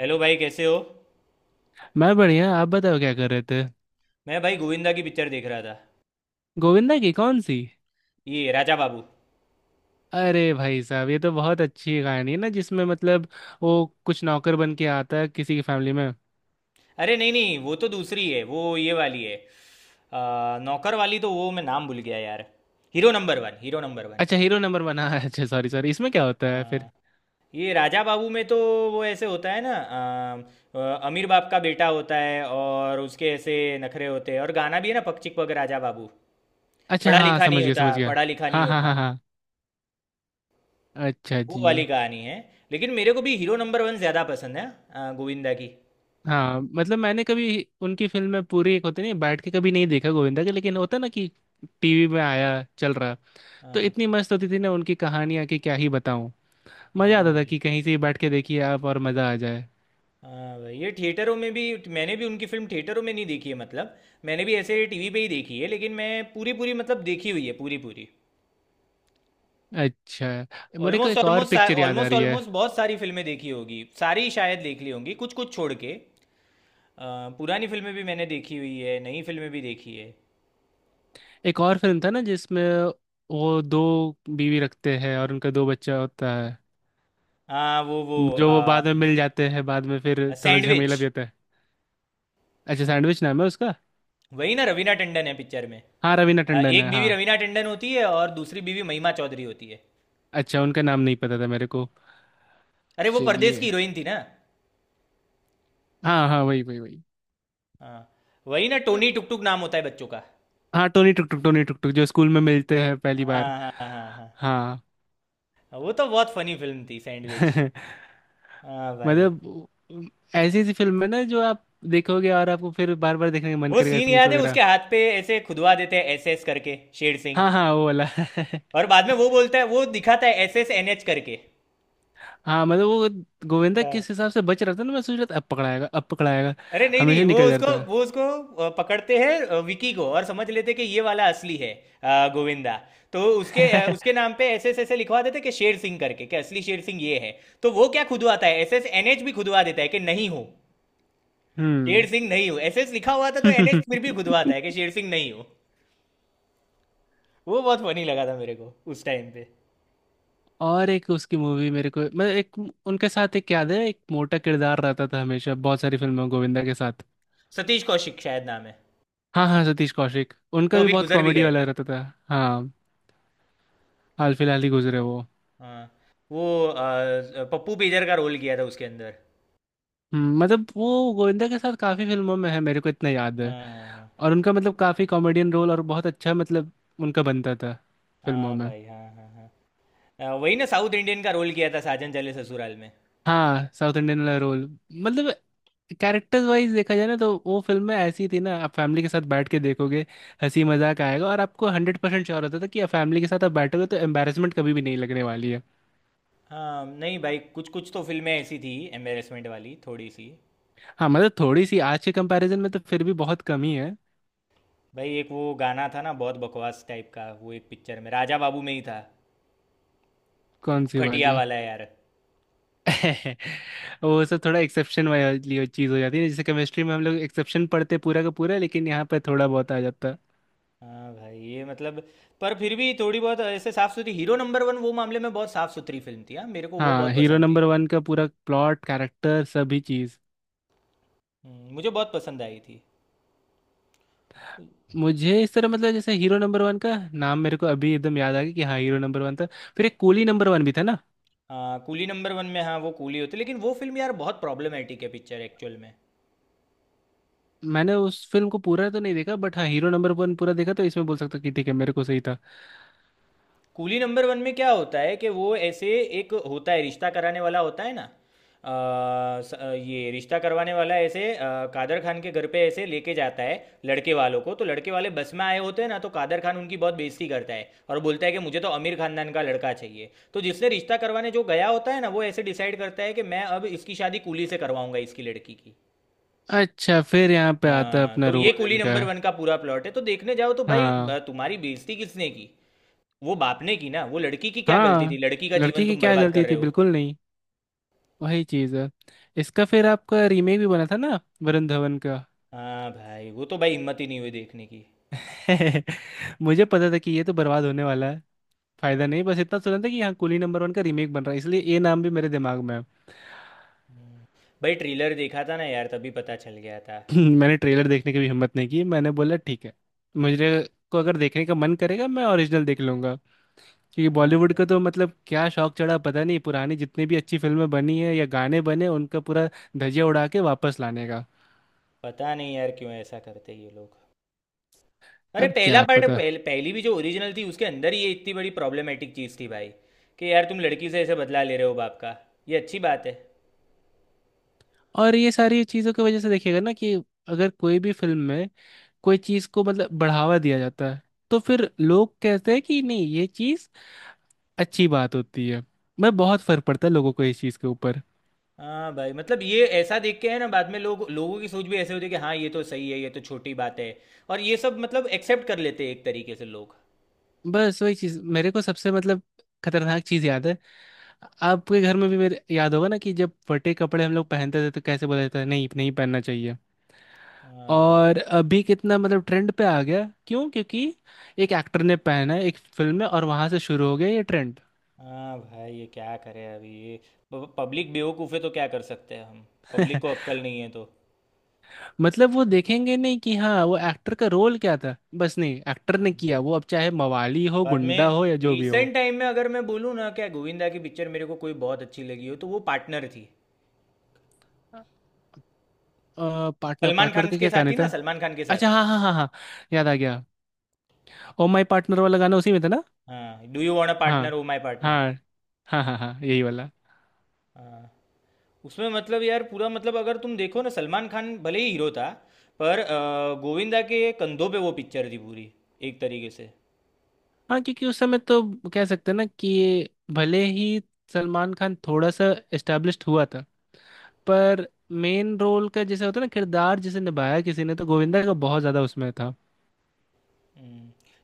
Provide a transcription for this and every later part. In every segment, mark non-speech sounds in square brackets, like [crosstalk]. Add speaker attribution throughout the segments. Speaker 1: Hello भाई, कैसे हो।
Speaker 2: मैं बढ़िया। आप बताओ क्या कर रहे थे।
Speaker 1: मैं भाई गोविंदा की पिक्चर देख रहा था।
Speaker 2: गोविंदा की कौन सी?
Speaker 1: ये राजा बाबू।
Speaker 2: अरे भाई साहब, ये तो बहुत अच्छी कहानी है ना, जिसमें मतलब वो कुछ नौकर बन के आता है किसी की फैमिली में।
Speaker 1: अरे नहीं नहीं, वो तो दूसरी है, वो ये वाली है। नौकर वाली तो वो मैं नाम भूल गया यार। Hero Number One, Hero Number One.
Speaker 2: अच्छा, हीरो नंबर वन। हाँ, अच्छा, सॉरी सॉरी, इसमें क्या होता है फिर?
Speaker 1: आ, ये राजा बाबू में तो वो ऐसे होता है ना। आ, आ, अमीर बाप का बेटा होता है, और उसके ऐसे नखरे होते हैं। और गाना भी है ना, पक चिक पक राजा बाबू।
Speaker 2: अच्छा,
Speaker 1: पढ़ा
Speaker 2: हाँ,
Speaker 1: लिखा
Speaker 2: समझ
Speaker 1: नहीं
Speaker 2: गया समझ
Speaker 1: होता,
Speaker 2: गया।
Speaker 1: पढ़ा लिखा नहीं
Speaker 2: हाँ हाँ
Speaker 1: होता।
Speaker 2: हाँ हाँ। अच्छा
Speaker 1: वो वाली
Speaker 2: जी।
Speaker 1: कहानी है। लेकिन मेरे को भी हीरो नंबर वन ज़्यादा पसंद है, गोविंदा की।
Speaker 2: हाँ, मतलब मैंने कभी उनकी फिल्म में पूरी, एक होती नहीं, बैठ के कभी नहीं देखा गोविंदा के, लेकिन होता ना कि टीवी में आया, चल रहा। तो
Speaker 1: हाँ
Speaker 2: इतनी मस्त होती थी ना उनकी कहानियाँ, कि क्या ही बताऊँ।
Speaker 1: हाँ
Speaker 2: मजा आता था
Speaker 1: भाई,
Speaker 2: कि कहीं से ही बैठ के देखिए आप, और मजा आ जाए।
Speaker 1: हाँ भाई। ये थिएटरों में भी, मैंने भी उनकी फिल्म थिएटरों में नहीं देखी है। मतलब मैंने भी ऐसे टीवी पे ही देखी है, लेकिन मैं पूरी पूरी मतलब देखी हुई है पूरी पूरी।
Speaker 2: अच्छा, मेरे को
Speaker 1: ऑलमोस्ट
Speaker 2: एक और
Speaker 1: ऑलमोस्ट
Speaker 2: पिक्चर याद आ
Speaker 1: ऑलमोस्ट
Speaker 2: रही है।
Speaker 1: ऑलमोस्ट बहुत सारी फिल्में देखी होगी। सारी शायद देख ली होंगी, कुछ कुछ छोड़ के। पुरानी फिल्में भी मैंने देखी हुई है, नई फिल्में भी देखी है।
Speaker 2: एक और फिल्म था ना, जिसमें वो दो बीवी रखते हैं और उनका दो बच्चा होता है।
Speaker 1: हाँ वो
Speaker 2: जो वो बाद में मिल जाते हैं, बाद में फिर थोड़ा
Speaker 1: सैंडविच।
Speaker 2: झमेला भी होता है। अच्छा, सैंडविच नाम है उसका।
Speaker 1: वही ना, रवीना टंडन है पिक्चर में।
Speaker 2: हाँ, रवीना टंडन है,
Speaker 1: एक
Speaker 2: हाँ।
Speaker 1: बीवी रवीना टंडन होती है, और दूसरी बीवी महिमा चौधरी होती है।
Speaker 2: अच्छा, उनका नाम नहीं पता था मेरे को।
Speaker 1: अरे, वो परदेश की
Speaker 2: चलिए।
Speaker 1: हीरोइन थी ना।
Speaker 2: हाँ हाँ, वही वही वही।
Speaker 1: हाँ, वही ना, टोनी टुक टुक नाम होता है बच्चों का।
Speaker 2: हाँ, टोनी टुक टुक, टोनी टुक टुक जो स्कूल में मिलते हैं पहली बार।
Speaker 1: हाँ हाँ हाँ।
Speaker 2: हाँ।
Speaker 1: हाँ वो तो बहुत फनी फिल्म थी, सैंडविच।
Speaker 2: [laughs]
Speaker 1: हाँ भाई।
Speaker 2: मतलब ऐसी ऐसी फिल्म है ना, जो आप देखोगे और आपको फिर बार बार देखने का मन
Speaker 1: वो
Speaker 2: करेगा,
Speaker 1: सीन
Speaker 2: सीन्स
Speaker 1: याद है, उसके
Speaker 2: वगैरह।
Speaker 1: हाथ पे ऐसे खुदवा देते हैं एस एस करके, शेर सिंह।
Speaker 2: हाँ हाँ, वो वाला। [laughs]
Speaker 1: और बाद में वो बोलता है, वो दिखाता है एस एस एन एच करके।
Speaker 2: हाँ, मतलब वो गोविंदा
Speaker 1: हाँ।
Speaker 2: किस हिसाब से बच रहा था ना, मैं सोच रहा था अब पकड़ाएगा, अब पकड़ाएगा।
Speaker 1: अरे नहीं नहीं,
Speaker 2: हमेशा
Speaker 1: वो
Speaker 2: निकल
Speaker 1: उसको
Speaker 2: जाता।
Speaker 1: वो उसको पकड़ते हैं, विकी को, और समझ लेते हैं कि ये वाला असली है, गोविंदा। तो उसके उसके
Speaker 2: [laughs]
Speaker 1: नाम पे एस एस ऐसे लिखवा देते हैं कि शेर सिंह करके, कि असली शेर सिंह ये है। तो वो क्या खुदवाता है, एस एस एन एच भी खुदवा देता है कि नहीं हो, शेर
Speaker 2: हम्म।
Speaker 1: सिंह नहीं हूँ। एस एस लिखा हुआ था, तो एन एच फिर भी खुदवाता है कि
Speaker 2: [laughs]
Speaker 1: शेर सिंह नहीं हूँ। वो बहुत फनी लगा था मेरे को उस टाइम पे।
Speaker 2: और एक उसकी मूवी, मेरे को मतलब एक, उनके साथ एक याद है, एक मोटा किरदार रहता था हमेशा बहुत सारी फिल्मों में गोविंदा के साथ।
Speaker 1: सतीश कौशिक शायद नाम है।
Speaker 2: हाँ हाँ, सतीश कौशिक, उनका
Speaker 1: वो
Speaker 2: भी
Speaker 1: भी
Speaker 2: बहुत
Speaker 1: गुजर भी
Speaker 2: कॉमेडी
Speaker 1: गए।
Speaker 2: वाला रहता था। हाँ। हाल फिलहाल ही गुजरे वो।
Speaker 1: हाँ, वो पप्पू बेजर का रोल किया था उसके अंदर।
Speaker 2: मतलब वो गोविंदा के साथ काफी फिल्मों में है, मेरे को इतना याद है।
Speaker 1: हाँ हाँ
Speaker 2: और उनका मतलब काफी कॉमेडियन रोल, और बहुत अच्छा मतलब उनका बनता था
Speaker 1: हाँ।
Speaker 2: फिल्मों
Speaker 1: हाँ
Speaker 2: में।
Speaker 1: भाई, हाँ हाँ हाँ। वही ना, साउथ इंडियन का रोल किया था साजन चले ससुराल में।
Speaker 2: हाँ, साउथ इंडियन वाला रोल, मतलब कैरेक्टर्स वाइज देखा जाए ना, तो वो फिल्में ऐसी थी ना, आप फैमिली के साथ बैठ के देखोगे, हंसी मजाक आएगा, और आपको 100% श्योर होता था कि आप फैमिली के साथ आप बैठोगे तो एम्बैरेसमेंट कभी भी नहीं लगने वाली है।
Speaker 1: हाँ नहीं भाई, कुछ कुछ तो फिल्में ऐसी थी एम्बेरसमेंट वाली, थोड़ी सी।
Speaker 2: हाँ, मतलब थोड़ी सी, आज के कंपैरिजन में तो फिर भी बहुत कमी है।
Speaker 1: भाई एक वो गाना था ना बहुत बकवास टाइप का, वो एक पिक्चर में राजा बाबू में ही था।
Speaker 2: कौन सी
Speaker 1: खटिया
Speaker 2: वाली?
Speaker 1: वाला यार।
Speaker 2: [laughs] वो सब थोड़ा एक्सेप्शन वाली चीज़ हो जाती है, जैसे केमिस्ट्री में हम लोग एक्सेप्शन पढ़ते पूरा का पूरा, लेकिन यहाँ पे थोड़ा बहुत आ जाता है।
Speaker 1: हाँ भाई, ये मतलब, पर फिर भी थोड़ी बहुत ऐसे साफ सुथरी, हीरो नंबर वन वो मामले में बहुत साफ सुथरी फिल्म थी। हाँ, मेरे को वो
Speaker 2: हाँ,
Speaker 1: बहुत
Speaker 2: हीरो
Speaker 1: पसंद थी।
Speaker 2: नंबर वन का पूरा प्लॉट, कैरेक्टर, सभी चीज़।
Speaker 1: मुझे बहुत पसंद आई थी।
Speaker 2: मुझे इस तरह, मतलब जैसे हीरो नंबर वन का नाम मेरे को अभी एकदम याद आ गया कि हाँ, हीरो नंबर वन था। फिर एक कूली नंबर वन भी था ना।
Speaker 1: हाँ कूली नंबर वन में, हाँ वो कूली होती, लेकिन वो फिल्म यार बहुत प्रॉब्लमेटिक है पिक्चर एक्चुअल में।
Speaker 2: मैंने उस फिल्म को पूरा तो नहीं देखा बट हाँ, हीरो नंबर वन पूरा देखा, तो इसमें बोल सकता हूँ कि ठीक है, मेरे को सही था।
Speaker 1: कूली नंबर वन में क्या होता है कि वो ऐसे, एक होता है रिश्ता कराने वाला होता है ना, ये रिश्ता करवाने वाला ऐसे कादर खान के घर पे ऐसे लेके जाता है लड़के वालों को। तो लड़के वाले बस में आए होते हैं ना, तो कादर खान उनकी बहुत बेइज्जती करता है और बोलता है कि मुझे तो अमीर खानदान का लड़का चाहिए। तो जिसने रिश्ता करवाने जो गया होता है ना, वो ऐसे डिसाइड करता है कि मैं अब इसकी शादी कूली से करवाऊंगा, इसकी लड़की की।
Speaker 2: अच्छा, फिर यहाँ पे आता है
Speaker 1: हाँ,
Speaker 2: अपना
Speaker 1: तो ये
Speaker 2: रोल
Speaker 1: कूली
Speaker 2: इनका।
Speaker 1: नंबर वन का पूरा प्लॉट है। तो देखने जाओ तो भाई,
Speaker 2: हाँ
Speaker 1: तुम्हारी बेइज्जती किसने की, वो बाप ने की ना, वो लड़की की क्या गलती थी,
Speaker 2: हाँ।
Speaker 1: लड़की का
Speaker 2: लड़की
Speaker 1: जीवन
Speaker 2: की
Speaker 1: तुम
Speaker 2: क्या
Speaker 1: बर्बाद
Speaker 2: गलती
Speaker 1: कर रहे
Speaker 2: थी,
Speaker 1: हो।
Speaker 2: बिल्कुल। वही चीज है। इसका फिर आपका रीमेक भी बना था ना, वरुण धवन का।
Speaker 1: हाँ भाई, वो तो भाई हिम्मत ही नहीं हुई देखने की।
Speaker 2: [laughs] मुझे पता था कि ये तो बर्बाद होने वाला है। फायदा नहीं, बस इतना सुना था कि हाँ, कूली नंबर वन का रीमेक बन रहा है, इसलिए ये नाम भी मेरे दिमाग में है। [laughs]
Speaker 1: हम्म। भाई ट्रेलर देखा था ना यार, तभी पता चल गया था।
Speaker 2: [clears throat] मैंने ट्रेलर देखने की भी हिम्मत नहीं की, मैंने बोला ठीक है, मुझे को अगर देखने का मन करेगा मैं ओरिजिनल देख लूंगा। क्योंकि
Speaker 1: हाँ
Speaker 2: बॉलीवुड
Speaker 1: भाई।
Speaker 2: का तो मतलब क्या शौक चढ़ा, पता नहीं, पुरानी जितनी भी अच्छी फिल्में बनी है या गाने बने, उनका पूरा धजिया उड़ा के वापस लाने का।
Speaker 1: पता नहीं यार क्यों ऐसा करते ये लोग। अरे
Speaker 2: अब
Speaker 1: पहला
Speaker 2: क्या
Speaker 1: पार्ट,
Speaker 2: पता।
Speaker 1: पहली भी जो ओरिजिनल थी, उसके अंदर ही ये इतनी बड़ी प्रॉब्लमेटिक चीज़ थी भाई, कि यार तुम लड़की से ऐसे बदला ले रहे हो बाप का। ये अच्छी बात है।
Speaker 2: और ये सारी चीज़ों की वजह से देखिएगा ना, कि अगर कोई भी फिल्म में कोई चीज़ को मतलब बढ़ावा दिया जाता है, तो फिर लोग कहते हैं कि नहीं, ये चीज़ अच्छी बात होती है। मैं, बहुत फर्क पड़ता है लोगों को इस चीज़ के ऊपर।
Speaker 1: हाँ भाई, मतलब ये ऐसा देख के है ना, बाद में लोग, लोगों की सोच भी ऐसे होती है कि हाँ ये तो सही है, ये तो छोटी बात है। और ये सब मतलब एक्सेप्ट कर लेते हैं एक तरीके से लोग।
Speaker 2: बस वही चीज़ मेरे को सबसे मतलब खतरनाक चीज़ याद है। आपके घर में भी मेरे याद होगा ना, कि जब फटे कपड़े हम लोग पहनते थे तो कैसे बोला जाता है नहीं नहीं, पहनना चाहिए।
Speaker 1: हाँ भाई।
Speaker 2: और अभी कितना मतलब ट्रेंड पे आ गया, क्यों? क्योंकि एक एक्टर ने पहना है एक फिल्म में, और वहां से शुरू हो गया ये ट्रेंड।
Speaker 1: हाँ भाई, ये क्या करें अभी ये, पब्लिक बेवकूफ़ है तो क्या कर सकते हैं हम। पब्लिक
Speaker 2: [laughs]
Speaker 1: को अक्ल नहीं है तो।
Speaker 2: मतलब वो देखेंगे नहीं कि हाँ, वो एक्टर का रोल क्या था, बस नहीं, एक्टर ने
Speaker 1: हाँ
Speaker 2: किया,
Speaker 1: भाई।
Speaker 2: वो अब चाहे मवाली हो,
Speaker 1: बाद
Speaker 2: गुंडा
Speaker 1: में,
Speaker 2: हो, या जो भी हो।
Speaker 1: रिसेंट टाइम में अगर मैं बोलूँ ना, क्या गोविंदा की पिक्चर मेरे को कोई बहुत अच्छी लगी हो, तो वो पार्टनर थी।
Speaker 2: पार्टनर,
Speaker 1: सलमान
Speaker 2: पार्टनर
Speaker 1: खान
Speaker 2: का
Speaker 1: के
Speaker 2: क्या
Speaker 1: साथ
Speaker 2: गाने
Speaker 1: थी ना,
Speaker 2: था?
Speaker 1: सलमान खान के साथ।
Speaker 2: अच्छा, हाँ हाँ हाँ हाँ, याद आ गया। ओ माय पार्टनर वाला गाना उसी में था ना।
Speaker 1: हाँ, do you want a partner,
Speaker 2: हाँ।
Speaker 1: Oh my partner.
Speaker 2: हाँ। हाँ हाँ हाँ, यही वाला।
Speaker 1: हाँ। उसमें मतलब यार पूरा मतलब, अगर तुम देखो ना, सलमान खान भले ही हीरो था, पर गोविंदा के कंधों पे वो पिक्चर थी पूरी, एक तरीके से।
Speaker 2: हाँ, क्योंकि उस समय तो कह सकते हैं ना, कि भले ही सलमान खान थोड़ा सा एस्टेब्लिश्ड हुआ था, पर मेन रोल का जैसे होता है ना, किरदार जिसे निभाया किसी ने, तो गोविंदा का बहुत ज्यादा उसमें था।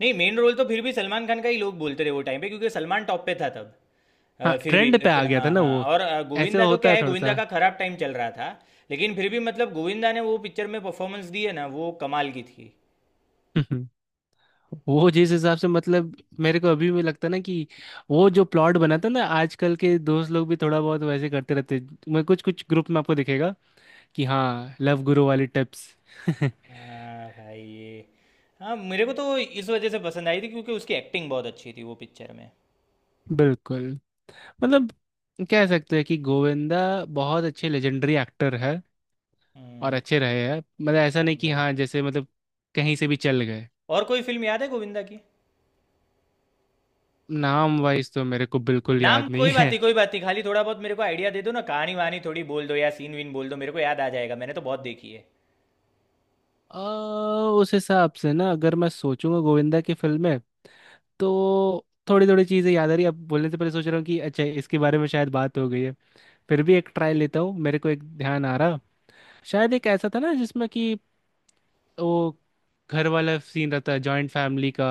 Speaker 1: नहीं मेन रोल तो फिर भी सलमान खान का ही लोग बोलते रहे वो टाइम पे, क्योंकि सलमान टॉप पे था तब।
Speaker 2: हाँ,
Speaker 1: फिर भी
Speaker 2: ट्रेंड पे आ गया था
Speaker 1: हाँ
Speaker 2: ना
Speaker 1: हाँ,
Speaker 2: वो।
Speaker 1: और
Speaker 2: ऐसे
Speaker 1: गोविंदा तो
Speaker 2: होता
Speaker 1: क्या
Speaker 2: है
Speaker 1: है,
Speaker 2: थोड़ा सा।
Speaker 1: गोविंदा का खराब टाइम चल रहा था। लेकिन फिर भी मतलब गोविंदा ने वो पिक्चर में परफॉर्मेंस दी है ना, वो कमाल की थी।
Speaker 2: [laughs] वो जिस हिसाब से, मतलब मेरे को अभी भी लगता है ना, कि वो जो प्लॉट बना था ना, आजकल के दोस्त लोग भी थोड़ा बहुत वैसे करते रहते हैं। मैं कुछ कुछ ग्रुप में आपको दिखेगा कि हाँ, लव गुरु वाली टिप्स। [laughs]
Speaker 1: हाँ भाई, ये हाँ, मेरे को तो इस वजह से पसंद आई थी क्योंकि उसकी एक्टिंग बहुत अच्छी थी वो पिक्चर में।
Speaker 2: बिल्कुल, मतलब कह सकते हैं कि गोविंदा बहुत अच्छे लेजेंडरी एक्टर है, और
Speaker 1: हम्म।
Speaker 2: अच्छे रहे हैं, मतलब ऐसा
Speaker 1: हाँ
Speaker 2: नहीं कि
Speaker 1: भाई,
Speaker 2: हाँ, जैसे मतलब कहीं से भी चल गए।
Speaker 1: और कोई फिल्म याद है गोविंदा की।
Speaker 2: नाम वाइज तो मेरे को बिल्कुल
Speaker 1: नाम
Speaker 2: याद
Speaker 1: कोई बात
Speaker 2: नहीं।
Speaker 1: नहीं, कोई बात नहीं, खाली थोड़ा बहुत मेरे को आइडिया दे दो ना, कहानी वहानी थोड़ी बोल दो या सीन वीन बोल दो, मेरे को याद आ जाएगा, मैंने तो बहुत देखी है।
Speaker 2: आ, उस हिसाब से ना, अगर मैं सोचूंगा गोविंदा की फिल्में, तो थोड़ी थोड़ी चीज़ें याद आ रही, अब बोलने से पहले सोच रहा हूँ कि अच्छा, इसके बारे में शायद बात हो गई है। फिर भी एक ट्राई लेता हूँ, मेरे को एक ध्यान आ रहा। शायद एक ऐसा था ना, जिसमें कि वो घर वाला सीन रहता है, जॉइंट फैमिली का।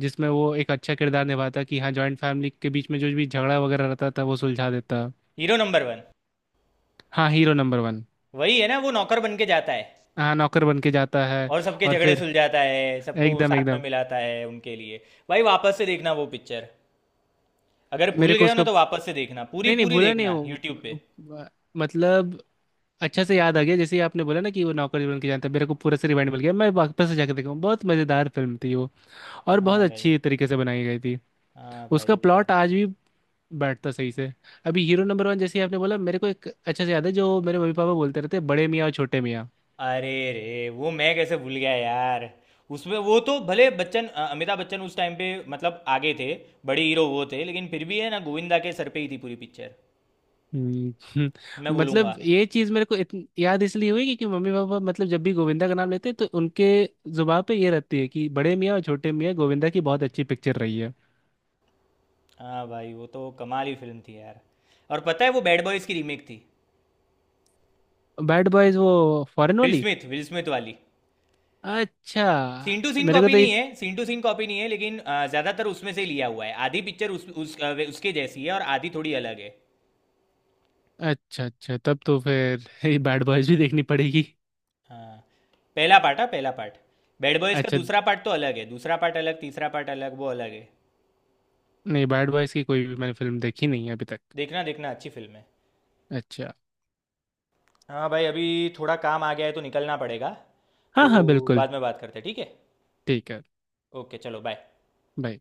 Speaker 2: जिसमें वो एक अच्छा किरदार निभाता कि हाँ, जॉइंट फैमिली के बीच में जो भी झगड़ा वगैरह रहता था वो सुलझा देता।
Speaker 1: Hero Number One.
Speaker 2: हाँ, हीरो नंबर वन।
Speaker 1: वही है ना, वो नौकर बन के जाता है,
Speaker 2: हाँ, नौकर बन के जाता है।
Speaker 1: और सबके
Speaker 2: और
Speaker 1: झगड़े
Speaker 2: फिर,
Speaker 1: सुलझाता है, सबको
Speaker 2: एकदम
Speaker 1: साथ में
Speaker 2: एकदम।
Speaker 1: मिलाता है उनके लिए। भाई वापस से देखना वो पिक्चर, अगर भूल
Speaker 2: मेरे को
Speaker 1: गए हो
Speaker 2: उसका,
Speaker 1: ना तो वापस से देखना, पूरी
Speaker 2: नहीं नहीं,
Speaker 1: पूरी
Speaker 2: भूला नहीं
Speaker 1: देखना यूट्यूब पे।
Speaker 2: वो, मतलब अच्छा से याद आ गया जैसे ही आपने बोला ना कि वो नौकर बन के जानता है, मेरे को पूरा से रिवाइंड मिल गया, मैं वापस से जाकर देखूँ, बहुत मजेदार फिल्म थी वो। और बहुत
Speaker 1: हाँ भाई।
Speaker 2: अच्छी तरीके से बनाई गई थी।
Speaker 1: हाँ भाई,
Speaker 2: उसका
Speaker 1: वो तो है।
Speaker 2: प्लॉट आज भी बैठता सही से। अभी हीरो नंबर वन जैसे ही आपने बोला, मेरे को एक अच्छा से याद है, जो मेरे मम्मी पापा बोलते रहते, बड़े मियाँ और छोटे मियाँ।
Speaker 1: अरे रे, वो मैं कैसे भूल गया यार। उसमें वो तो भले बच्चन, अमिताभ बच्चन उस टाइम पे मतलब आगे थे, बड़े हीरो वो थे, लेकिन फिर भी है ना, गोविंदा के सर पे ही थी पूरी पिक्चर,
Speaker 2: हम्म। [laughs]
Speaker 1: मैं बोलूँगा।
Speaker 2: मतलब ये चीज मेरे को याद इसलिए हुई क्योंकि मम्मी पापा मतलब जब भी गोविंदा का नाम लेते हैं, तो उनके जुबान पे ये रहती है कि बड़े मियाँ और छोटे मियाँ गोविंदा की बहुत अच्छी पिक्चर रही है।
Speaker 1: हाँ भाई, वो तो कमाल ही फिल्म थी यार। और पता है, वो बैड बॉयज़ की रीमेक थी।
Speaker 2: बैड बॉयज, वो फॉरेन
Speaker 1: विल
Speaker 2: वाली?
Speaker 1: स्मिथ विल स्मिथ वाली।
Speaker 2: अच्छा।
Speaker 1: सीन टू सीन
Speaker 2: मेरे को
Speaker 1: कॉपी
Speaker 2: तो ये,
Speaker 1: नहीं है, सीन टू सीन कॉपी नहीं है, लेकिन ज़्यादातर उसमें से लिया हुआ है। आधी पिक्चर उसके जैसी है, और आधी थोड़ी अलग है।
Speaker 2: अच्छा अच्छा, तब तो फिर [laughs] ये बैड बॉयज भी देखनी पड़ेगी।
Speaker 1: हाँ पहला पार्ट, हाँ पहला पार्ट। बैड बॉयज़ का
Speaker 2: अच्छा।
Speaker 1: दूसरा पार्ट तो अलग है, दूसरा पार्ट अलग, तीसरा पार्ट अलग, वो अलग है।
Speaker 2: नहीं, बैड बॉयज की कोई भी मैंने फिल्म देखी नहीं है अभी तक।
Speaker 1: देखना देखना, अच्छी फिल्म है।
Speaker 2: अच्छा।
Speaker 1: हाँ भाई, अभी थोड़ा काम आ गया है, तो निकलना पड़ेगा।
Speaker 2: हाँ
Speaker 1: तो
Speaker 2: हाँ, बिल्कुल।
Speaker 1: बाद में बात करते हैं, ठीक है।
Speaker 2: ठीक है।
Speaker 1: ओके चलो, बाय।
Speaker 2: बाय।